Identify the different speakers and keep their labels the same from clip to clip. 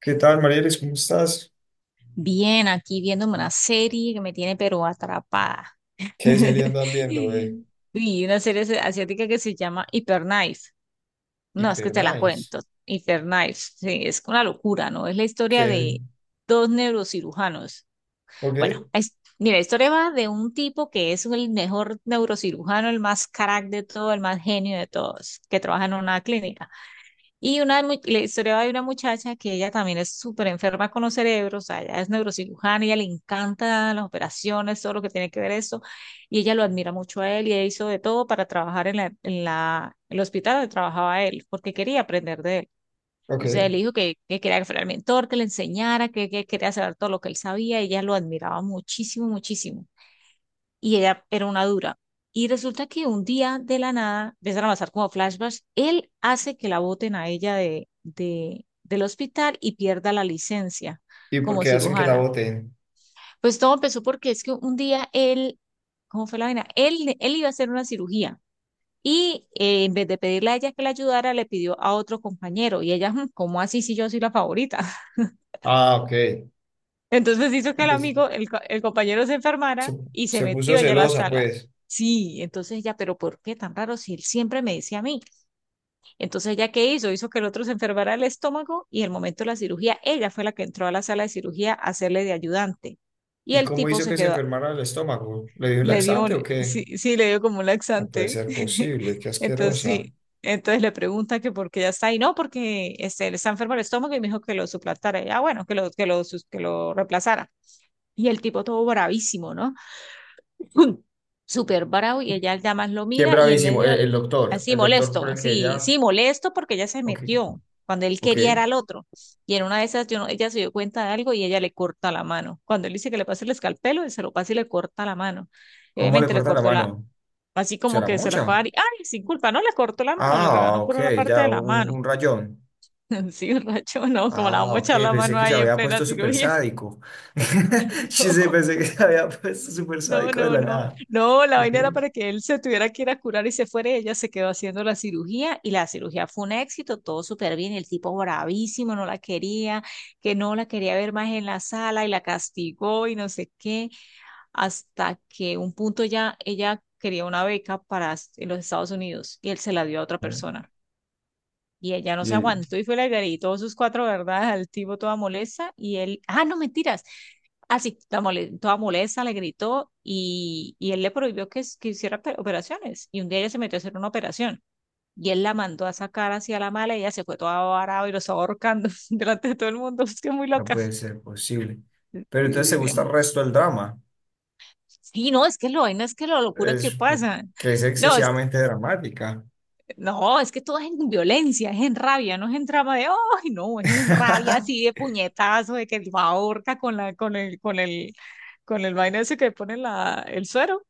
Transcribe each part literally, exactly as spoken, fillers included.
Speaker 1: ¿Qué tal, Marielis? ¿Cómo estás?
Speaker 2: Bien, aquí viéndome una serie que me tiene pero atrapada.
Speaker 1: ¿Qué serie andas viendo, eh?
Speaker 2: Y una serie asi- asiática que se llama Hyperknife. No, es que
Speaker 1: Hiper
Speaker 2: te la
Speaker 1: nice.
Speaker 2: cuento. Hyperknife, sí, es una locura, ¿no? Es la historia
Speaker 1: ¿Qué?
Speaker 2: de dos neurocirujanos. Bueno,
Speaker 1: ¿Ok?
Speaker 2: es, mira, la historia va de un tipo que es el mejor neurocirujano, el más crack de todo, el más genio de todos, que trabaja en una clínica. Y una, mu- la historia de una muchacha que ella también es súper enferma con los cerebros, o sea, ella es neurocirujana, ella le encanta las operaciones, todo lo que tiene que ver eso, y ella lo admira mucho a él y ella hizo de todo para trabajar en la, en la, el hospital donde trabajaba él, porque quería aprender de él. Entonces
Speaker 1: ¿Ok?
Speaker 2: él dijo que, que quería que fuera el mentor, que le enseñara, que, que quería saber todo lo que él sabía, y ella lo admiraba muchísimo, muchísimo, y ella era una dura. Y resulta que un día de la nada, empiezan a pasar como flashbacks, él hace que la boten a ella de, de, del hospital y pierda la licencia
Speaker 1: ¿Y por
Speaker 2: como
Speaker 1: qué hacen que la
Speaker 2: cirujana.
Speaker 1: voten?
Speaker 2: Pues todo empezó porque es que un día él, ¿cómo fue la vaina? Él, él iba a hacer una cirugía. Y eh, en vez de pedirle a ella que la ayudara, le pidió a otro compañero. Y ella, "Mm, ¿cómo así si yo soy la favorita?".
Speaker 1: Ah, ok.
Speaker 2: Entonces hizo que el
Speaker 1: Entonces,
Speaker 2: amigo, el, co- el compañero se
Speaker 1: se,
Speaker 2: enfermara y se
Speaker 1: se puso
Speaker 2: metió allá a la
Speaker 1: celosa,
Speaker 2: sala.
Speaker 1: pues.
Speaker 2: Sí, entonces ella, pero ¿por qué tan raro si él siempre me decía a mí? Entonces ella, ¿qué hizo? Hizo que el otro se enfermara el estómago y en el momento de la cirugía, ella fue la que entró a la sala de cirugía a hacerle de ayudante. Y
Speaker 1: ¿Y
Speaker 2: el
Speaker 1: cómo
Speaker 2: tipo
Speaker 1: hizo
Speaker 2: se
Speaker 1: que se
Speaker 2: quedó,
Speaker 1: enfermara el estómago? ¿Le dio un
Speaker 2: le dio,
Speaker 1: laxante
Speaker 2: un-
Speaker 1: o qué?
Speaker 2: sí, sí, le dio como un
Speaker 1: No puede
Speaker 2: laxante.
Speaker 1: ser posible, qué
Speaker 2: Entonces
Speaker 1: asquerosa.
Speaker 2: sí, entonces le pregunta que por qué ya está ahí, no, porque este, le está enfermo el estómago y me dijo que lo suplantara. Ya, bueno, que lo, que lo, sus- que lo reemplazara. Y el tipo todo bravísimo, ¿no? Súper bravo y ella ya más lo
Speaker 1: ¿Quién
Speaker 2: mira y en
Speaker 1: bravísimo?
Speaker 2: medio,
Speaker 1: El,
Speaker 2: de-
Speaker 1: el doctor.
Speaker 2: así
Speaker 1: El doctor
Speaker 2: molesto,
Speaker 1: por el que
Speaker 2: así,
Speaker 1: ella.
Speaker 2: sí, molesto porque ella se
Speaker 1: Ok.
Speaker 2: metió cuando él
Speaker 1: Ok.
Speaker 2: quería era al otro. Y en una de esas, yo no- ella se dio cuenta de algo y ella le corta la mano. Cuando él dice que le pase el escalpelo, él se lo pasa y le corta la mano. Y
Speaker 1: ¿Cómo le
Speaker 2: obviamente le
Speaker 1: corta la
Speaker 2: cortó la,
Speaker 1: mano?
Speaker 2: así como
Speaker 1: ¿Será
Speaker 2: que se la fue a
Speaker 1: mucha?
Speaker 2: dar y, ay, sin culpa, no, le cortó la mano, le rebanó
Speaker 1: Ah,
Speaker 2: por
Speaker 1: ok,
Speaker 2: una parte de
Speaker 1: ya,
Speaker 2: la
Speaker 1: un,
Speaker 2: mano.
Speaker 1: un rayón.
Speaker 2: Sí, racho, no, como la
Speaker 1: Ah,
Speaker 2: vamos a
Speaker 1: ok,
Speaker 2: echar la
Speaker 1: pensé
Speaker 2: mano
Speaker 1: que se
Speaker 2: ahí en
Speaker 1: había
Speaker 2: plena
Speaker 1: puesto súper
Speaker 2: cirugía.
Speaker 1: sádico. Sí,
Speaker 2: No.
Speaker 1: sí, pensé que se había puesto súper
Speaker 2: No,
Speaker 1: sádico de
Speaker 2: no,
Speaker 1: la
Speaker 2: no.
Speaker 1: nada.
Speaker 2: No, la
Speaker 1: Ok.
Speaker 2: vaina era para que él se tuviera que ir a curar y se fuera. Y ella se quedó haciendo la cirugía y la cirugía fue un éxito, todo súper bien. Y el tipo bravísimo, no la quería, que no la quería ver más en la sala, y la castigó y no sé qué. Hasta que un punto ya ella quería una beca para s- en los Estados Unidos y él se la dio a otra
Speaker 1: Ah,
Speaker 2: persona. Y ella no se
Speaker 1: y
Speaker 2: aguantó y fue y le gritó sus cuatro verdades al tipo toda molesta y él, ah, no, mentiras. Así, toda mole- toda molesta, le gritó y, y él le prohibió que, que hiciera pe- operaciones. Y un día ella se metió a hacer una operación y él la mandó a sacar hacia la mala y ella se fue toda varada y lo estaba ahorcando delante de todo el mundo. Es que es muy
Speaker 1: no
Speaker 2: loca.
Speaker 1: puede ser posible. Pero
Speaker 2: Sí,
Speaker 1: entonces te
Speaker 2: sí, sí,
Speaker 1: gusta
Speaker 2: muy-
Speaker 1: el resto del drama.
Speaker 2: sí, no, es que lo vaina es que la locura que
Speaker 1: Es
Speaker 2: pasa.
Speaker 1: que es
Speaker 2: No, es
Speaker 1: excesivamente dramática.
Speaker 2: No, es que todo es en violencia, es en rabia, no es en trama de, ay, no, es en rabia así de puñetazo, de que va ahorca con la, con el, con el, con el vaina ese que pone la, el suero.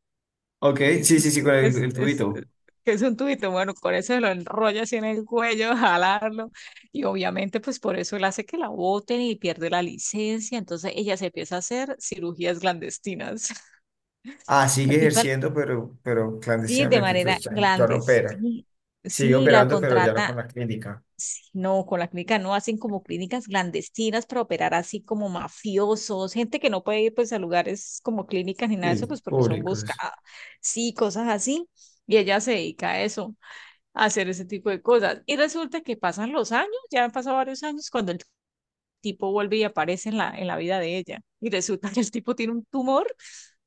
Speaker 1: Ok, sí, sí, sí, con el,
Speaker 2: Es,
Speaker 1: el
Speaker 2: es, eh,
Speaker 1: tubito.
Speaker 2: que es un tubito, bueno, con eso se lo enrolla así en el cuello, jalarlo, y obviamente pues por eso él hace que la boten y pierde la licencia, entonces ella se empieza a hacer cirugías clandestinas.
Speaker 1: Ah,
Speaker 2: La
Speaker 1: sigue
Speaker 2: tipa,
Speaker 1: ejerciendo, pero, pero
Speaker 2: sí, de
Speaker 1: clandestinamente,
Speaker 2: manera
Speaker 1: entonces ya, no ya no opera.
Speaker 2: clandestina,
Speaker 1: Sigue
Speaker 2: sí, la
Speaker 1: operando, pero ya no con
Speaker 2: contrata.
Speaker 1: la clínica.
Speaker 2: No, con la clínica no, hacen como clínicas clandestinas para operar así como mafiosos, gente que no puede ir pues a lugares como clínicas ni nada de eso,
Speaker 1: Sí,
Speaker 2: pues porque son
Speaker 1: públicos.
Speaker 2: buscadas, sí, cosas así. Y ella se dedica a eso, a hacer ese tipo de cosas. Y resulta que pasan los años, ya han pasado varios años, cuando el tipo vuelve y aparece en la, en la vida de ella. Y resulta que el tipo tiene un tumor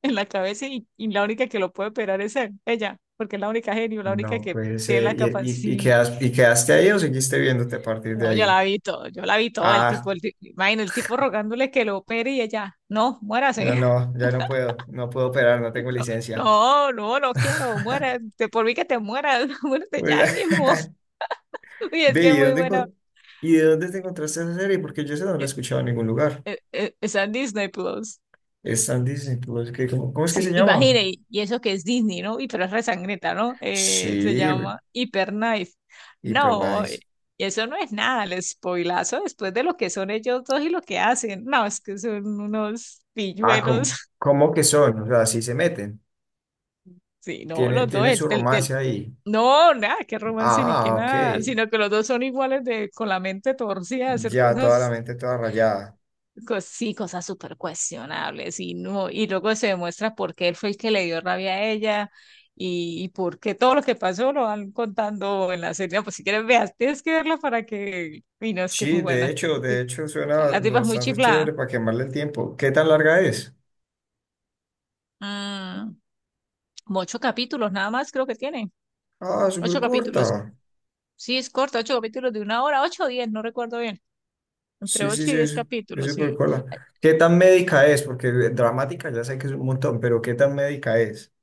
Speaker 2: en la cabeza y, y la única que lo puede operar es él, ella, porque es la única genio, la única
Speaker 1: No
Speaker 2: que
Speaker 1: puede
Speaker 2: tiene
Speaker 1: ser.
Speaker 2: la
Speaker 1: ¿Y, y, y,
Speaker 2: capacidad.
Speaker 1: quedas- y quedaste ahí o seguiste viéndote a partir de
Speaker 2: No, yo
Speaker 1: ahí?
Speaker 2: la vi todo, yo la vi todo, el
Speaker 1: Ah,
Speaker 2: tipo, el, ti- imagino el tipo rogándole que lo opere y ella, no,
Speaker 1: ya
Speaker 2: muérase,
Speaker 1: no, ya no puedo, no puedo operar, no tengo
Speaker 2: no,
Speaker 1: licencia.
Speaker 2: no, no, no quiero, muera, te- por mí que te mueras, muérete
Speaker 1: Pues,
Speaker 2: ya ahí mismo, y es
Speaker 1: Ve,
Speaker 2: que es
Speaker 1: ¿y
Speaker 2: muy
Speaker 1: dónde,
Speaker 2: buena.
Speaker 1: enco- y de dónde te encontraste esa serie? Porque yo esa no la he
Speaker 2: Eh,
Speaker 1: escuchado en ningún lugar.
Speaker 2: eh, eh, está en Disney Plus,
Speaker 1: Es tan Disney Plus que ¿cómo, cómo es que
Speaker 2: sí,
Speaker 1: se llama?
Speaker 2: imagine, y y eso que es Disney, ¿no? Y pero es resangreta, ¿no? Eh, se
Speaker 1: Sí,
Speaker 2: llama Hyperknife,
Speaker 1: hiper
Speaker 2: no, eh,
Speaker 1: nice.
Speaker 2: y eso no es nada, el spoilazo después de lo que son ellos dos y lo que hacen, no, es que son unos
Speaker 1: Ah, ¿cómo,
Speaker 2: pilluelos.
Speaker 1: cómo que son? O sea, sí se meten.
Speaker 2: Sí, no,
Speaker 1: Tienen,
Speaker 2: los dos,
Speaker 1: tienen
Speaker 2: el,
Speaker 1: su
Speaker 2: el, el-
Speaker 1: romance ahí.
Speaker 2: no, nada, qué romance ni qué
Speaker 1: Ah, ok.
Speaker 2: nada, sino que los dos son iguales de, con la mente torcida de hacer
Speaker 1: Ya toda la
Speaker 2: cosas,
Speaker 1: mente toda rayada.
Speaker 2: cos- sí, cosas súper cuestionables y no, y luego se demuestra por qué él fue el que le dio rabia a ella y, y por qué todo lo que pasó lo van contando en la serie. No, pues si quieres veas, tienes que verla para que, y no, es que es muy
Speaker 1: Sí, de
Speaker 2: buena,
Speaker 1: hecho, de hecho suena
Speaker 2: la tipa es muy
Speaker 1: bastante
Speaker 2: chiflada.
Speaker 1: chévere para quemarle el tiempo. ¿Qué tan larga es?
Speaker 2: Mm, como ocho capítulos nada más creo que tiene,
Speaker 1: Ah, súper
Speaker 2: ocho capítulos.
Speaker 1: corta.
Speaker 2: Sí, es corta, ocho capítulos de una hora, ocho o diez, no recuerdo bien. Entre
Speaker 1: Sí, sí,
Speaker 2: ocho y
Speaker 1: sí,
Speaker 2: diez
Speaker 1: es es
Speaker 2: capítulos,
Speaker 1: súper
Speaker 2: sí.
Speaker 1: corta. ¿Qué tan médica es? Porque eh, dramática ya sé que es un montón, pero ¿qué tan médica es?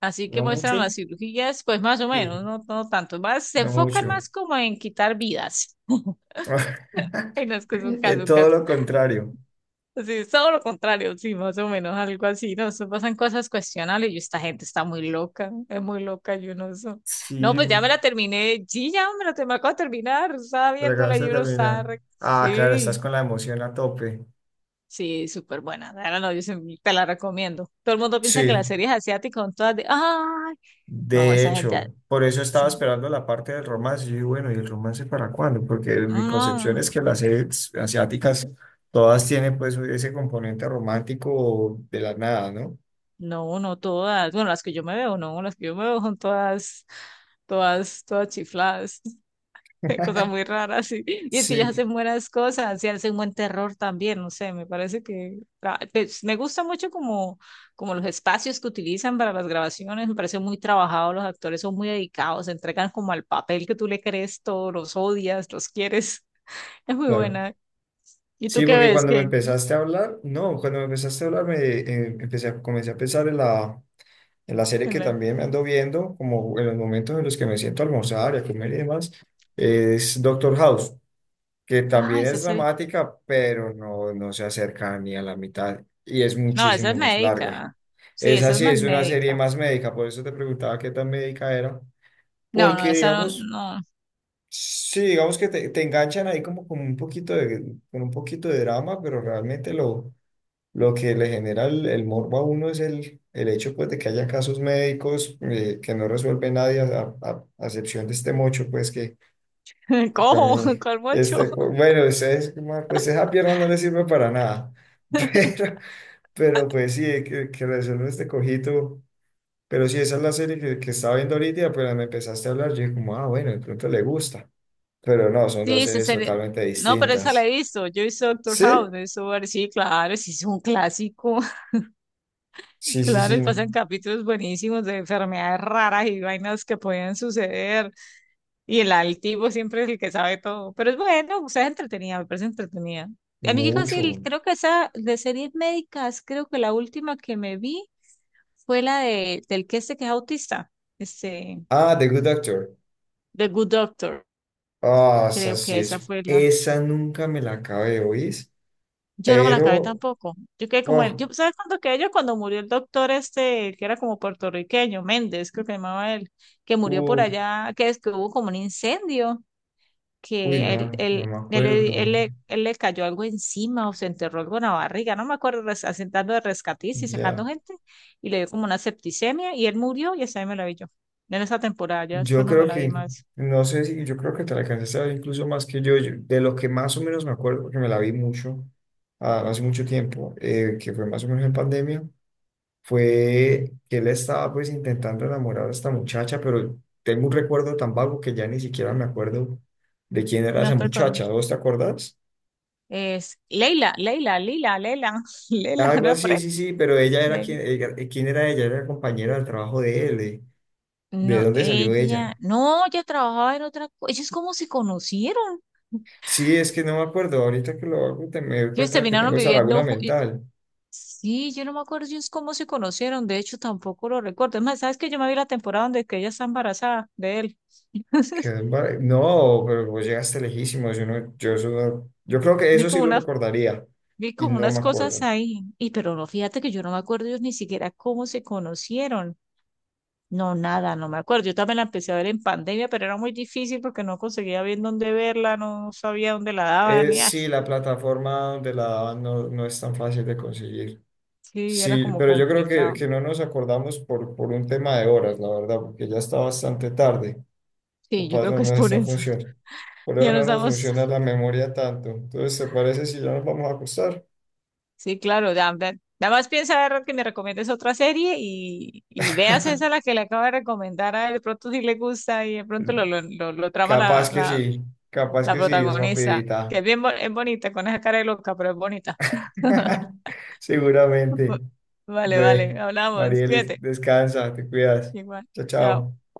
Speaker 2: Así que
Speaker 1: ¿No
Speaker 2: muestran
Speaker 1: mucho?
Speaker 2: las cirugías, pues más o menos,
Speaker 1: Sí,
Speaker 2: no, no tanto. Más, se
Speaker 1: no
Speaker 2: enfocan
Speaker 1: mucho.
Speaker 2: más como en quitar vidas. En las que son
Speaker 1: Es
Speaker 2: casos,
Speaker 1: todo
Speaker 2: casos.
Speaker 1: lo contrario.
Speaker 2: Sí, es todo lo contrario, sí, más o menos, algo así. No, eso pasan cosas cuestionables y esta gente está muy loca, es muy loca, yo no sé. No,
Speaker 1: Sí,
Speaker 2: pues ya
Speaker 1: por-
Speaker 2: me la terminé, sí, ya me la te- me acabo de terminar, estaba
Speaker 1: pero
Speaker 2: viéndola
Speaker 1: acabas de
Speaker 2: y uno está,
Speaker 1: terminar.
Speaker 2: re-
Speaker 1: Ah, claro, estás
Speaker 2: sí.
Speaker 1: con la emoción a tope.
Speaker 2: Sí, súper buena. Ahora no, yo se- te la recomiendo. Todo el mundo piensa que
Speaker 1: Sí,
Speaker 2: las series asiáticas son todas de, ay, no,
Speaker 1: de
Speaker 2: esa gente,
Speaker 1: hecho, por eso estaba
Speaker 2: esa gente-
Speaker 1: esperando la parte del romance. Yo digo, bueno, ¿y el romance para cuándo? Porque mi concepción
Speaker 2: no,
Speaker 1: es que las series asiáticas todas tienen pues ese componente romántico de la nada, ¿no?
Speaker 2: no, no todas. Bueno, las que yo me veo, no, las que yo me veo son todas, todas, todas chifladas. Cosa muy rara, sí. Y es que ellos
Speaker 1: Sí,
Speaker 2: hacen buenas cosas y hacen buen terror también, no sé, me parece que ah, pues, me gusta mucho como, como los espacios que utilizan para las grabaciones, me parece muy trabajado, los actores son muy dedicados, se entregan como al papel que tú le crees todo, los odias, los quieres, es muy
Speaker 1: claro.
Speaker 2: buena. ¿Y tú
Speaker 1: Sí,
Speaker 2: qué
Speaker 1: porque
Speaker 2: ves?
Speaker 1: cuando me
Speaker 2: Que
Speaker 1: empezaste a hablar, no, cuando me empezaste a hablar, me eh, empecé a- comencé a pensar en la, en la serie que también me ando viendo, como en los momentos en los que me siento a almorzar y a comer y demás, es Doctor House, que
Speaker 2: ah,
Speaker 1: también
Speaker 2: esa
Speaker 1: es
Speaker 2: serie-
Speaker 1: dramática, pero no, no se acerca ni a la mitad y es
Speaker 2: no, esa es
Speaker 1: muchísimo más larga.
Speaker 2: médica. Sí,
Speaker 1: Esa
Speaker 2: esa es
Speaker 1: sí
Speaker 2: más
Speaker 1: es una serie
Speaker 2: médica.
Speaker 1: más médica, por eso te preguntaba qué tan médica era,
Speaker 2: No, no,
Speaker 1: porque
Speaker 2: esa
Speaker 1: digamos,
Speaker 2: no,
Speaker 1: sí, digamos que te, te enganchan ahí como con un poquito de, con un poquito de drama, pero realmente lo, lo que le genera el, el morbo a uno es el, el hecho pues de que haya casos médicos eh, que no resuelve nadie a, a, a a excepción de este mocho, pues.
Speaker 2: no. ¿Cómo
Speaker 1: Cami,
Speaker 2: cuál mocho?
Speaker 1: este, bueno, es- es como, pues esa pierna no le sirve para nada, pero, pero pues sí, que, que resuelve este cojito, pero sí, esa es la serie que, que estaba viendo ahorita, y apenas me empezaste a hablar, yo dije como, ah, bueno, de pronto le gusta, pero no, son dos
Speaker 2: Sí, se,
Speaker 1: series
Speaker 2: se-
Speaker 1: totalmente
Speaker 2: no, pero esa la
Speaker 1: distintas.
Speaker 2: he visto. Yo he visto Doctor
Speaker 1: ¿Sí?
Speaker 2: House, me he visto, sí, claro, sí, es un clásico.
Speaker 1: Sí, sí,
Speaker 2: Claro, y
Speaker 1: sí,
Speaker 2: pasan capítulos buenísimos de enfermedades raras y vainas que podían suceder. Y el altivo siempre es el que sabe todo. Pero es bueno, o sea, es entretenida, me parece entretenida. A mí que casi el-
Speaker 1: mucho.
Speaker 2: creo que esa de series médicas, creo que la última que me vi fue la de del que este que es autista, este,
Speaker 1: Ah, The Good Doctor.
Speaker 2: The Good Doctor.
Speaker 1: Ah, esa
Speaker 2: Creo que
Speaker 1: sí
Speaker 2: esa
Speaker 1: es,
Speaker 2: fue.
Speaker 1: esa nunca me la acabé de oír,
Speaker 2: Yo no me la acabé
Speaker 1: pero,
Speaker 2: tampoco. Yo quedé como él.
Speaker 1: oh,
Speaker 2: Yo, ¿sabes cuándo quedé yo? Cuando murió el doctor este, el que era como puertorriqueño, Méndez, creo que se llamaba él, que murió por
Speaker 1: uf,
Speaker 2: allá, que es que hubo como un incendio,
Speaker 1: uy,
Speaker 2: que él,
Speaker 1: no,
Speaker 2: él,
Speaker 1: no me
Speaker 2: él, le- él,
Speaker 1: acuerdo.
Speaker 2: le él le cayó algo encima o se enterró algo en la barriga, no me acuerdo, res- asentando de rescatistas y sacando
Speaker 1: Ya.
Speaker 2: gente, y le dio como una septicemia y él murió y esa ahí me la vi yo. En esa temporada, ya
Speaker 1: Yo
Speaker 2: después no me
Speaker 1: creo
Speaker 2: la vi
Speaker 1: que,
Speaker 2: más.
Speaker 1: no sé si, yo creo que te la alcanzaste a ver incluso más que yo, yo- de lo que más o menos me acuerdo, porque me la vi mucho, ah, hace mucho tiempo, eh, que fue más o menos en pandemia, fue que él estaba pues intentando enamorar a esta muchacha, pero tengo un recuerdo tan vago que ya ni siquiera me acuerdo de quién era esa
Speaker 2: No te
Speaker 1: muchacha,
Speaker 2: acuerdas.
Speaker 1: ¿vos te acordás?
Speaker 2: Es Leila, Leila, Lila, Leila, Leila,
Speaker 1: Algo
Speaker 2: no, por
Speaker 1: así,
Speaker 2: él.
Speaker 1: sí, sí, pero ella era quien, ella- eh, ¿quién era ella? Era compañera del trabajo de él, eh, ¿de
Speaker 2: No,
Speaker 1: dónde salió
Speaker 2: ella,
Speaker 1: ella?
Speaker 2: no, ella trabajaba en otra cosa. Ellos cómo se conocieron.
Speaker 1: Sí, es que no me acuerdo. Ahorita que lo hago, te me doy
Speaker 2: Ellos
Speaker 1: cuenta que
Speaker 2: terminaron
Speaker 1: tengo esa
Speaker 2: viviendo.
Speaker 1: laguna
Speaker 2: ju-
Speaker 1: mental.
Speaker 2: Sí, yo no me acuerdo ellos cómo se conocieron. De hecho, tampoco lo recuerdo. Es más, ¿sabes que yo me vi la temporada donde que ella está embarazada de él?
Speaker 1: Quedé embar- No, pero vos llegaste lejísimos. Yo, no- yo, eso no- yo creo que
Speaker 2: Vi
Speaker 1: eso sí
Speaker 2: como
Speaker 1: lo
Speaker 2: una,
Speaker 1: recordaría
Speaker 2: vi
Speaker 1: y
Speaker 2: como
Speaker 1: no
Speaker 2: unas
Speaker 1: me
Speaker 2: cosas
Speaker 1: acuerdo.
Speaker 2: ahí. Y pero no, fíjate que yo no me acuerdo ellos ni siquiera cómo se conocieron. No, nada, no me acuerdo. Yo también la empecé a ver en pandemia, pero era muy difícil porque no conseguía bien dónde verla, no sabía dónde la daban.
Speaker 1: Eh,
Speaker 2: Y, ay,
Speaker 1: sí, la plataforma donde la daban no, no es tan fácil de conseguir.
Speaker 2: sí, era
Speaker 1: Sí,
Speaker 2: como
Speaker 1: pero yo creo que,
Speaker 2: complicado.
Speaker 1: que no nos acordamos por, por un tema de horas, la verdad, porque ya está bastante tarde.
Speaker 2: Sí, yo
Speaker 1: Capaz
Speaker 2: creo
Speaker 1: no
Speaker 2: que es
Speaker 1: nos
Speaker 2: por
Speaker 1: está
Speaker 2: eso.
Speaker 1: funcionando. Por eso
Speaker 2: Ya
Speaker 1: no
Speaker 2: nos
Speaker 1: nos
Speaker 2: damos.
Speaker 1: funciona la memoria tanto. Entonces, ¿te parece si ya nos vamos a acostar?
Speaker 2: Sí, claro, ya, ya- Nada más piensa Errol, que me recomiendes otra serie y, y veas esa la que le acabo de recomendar a él. De pronto si le gusta y de pronto lo, lo, lo- lo trama la,
Speaker 1: Capaz que sí,
Speaker 2: la,
Speaker 1: capaz
Speaker 2: la
Speaker 1: que sí, es
Speaker 2: protagonista, que
Speaker 1: rapidita.
Speaker 2: es bien bo- es bonita, con esa cara de loca, pero es bonita.
Speaker 1: Seguramente.
Speaker 2: Vale,
Speaker 1: Ve,
Speaker 2: vale, hablamos.
Speaker 1: Marielis,
Speaker 2: Cuídate.
Speaker 1: descansa, te cuidas.
Speaker 2: Igual.
Speaker 1: Chao,
Speaker 2: Chao.
Speaker 1: chao.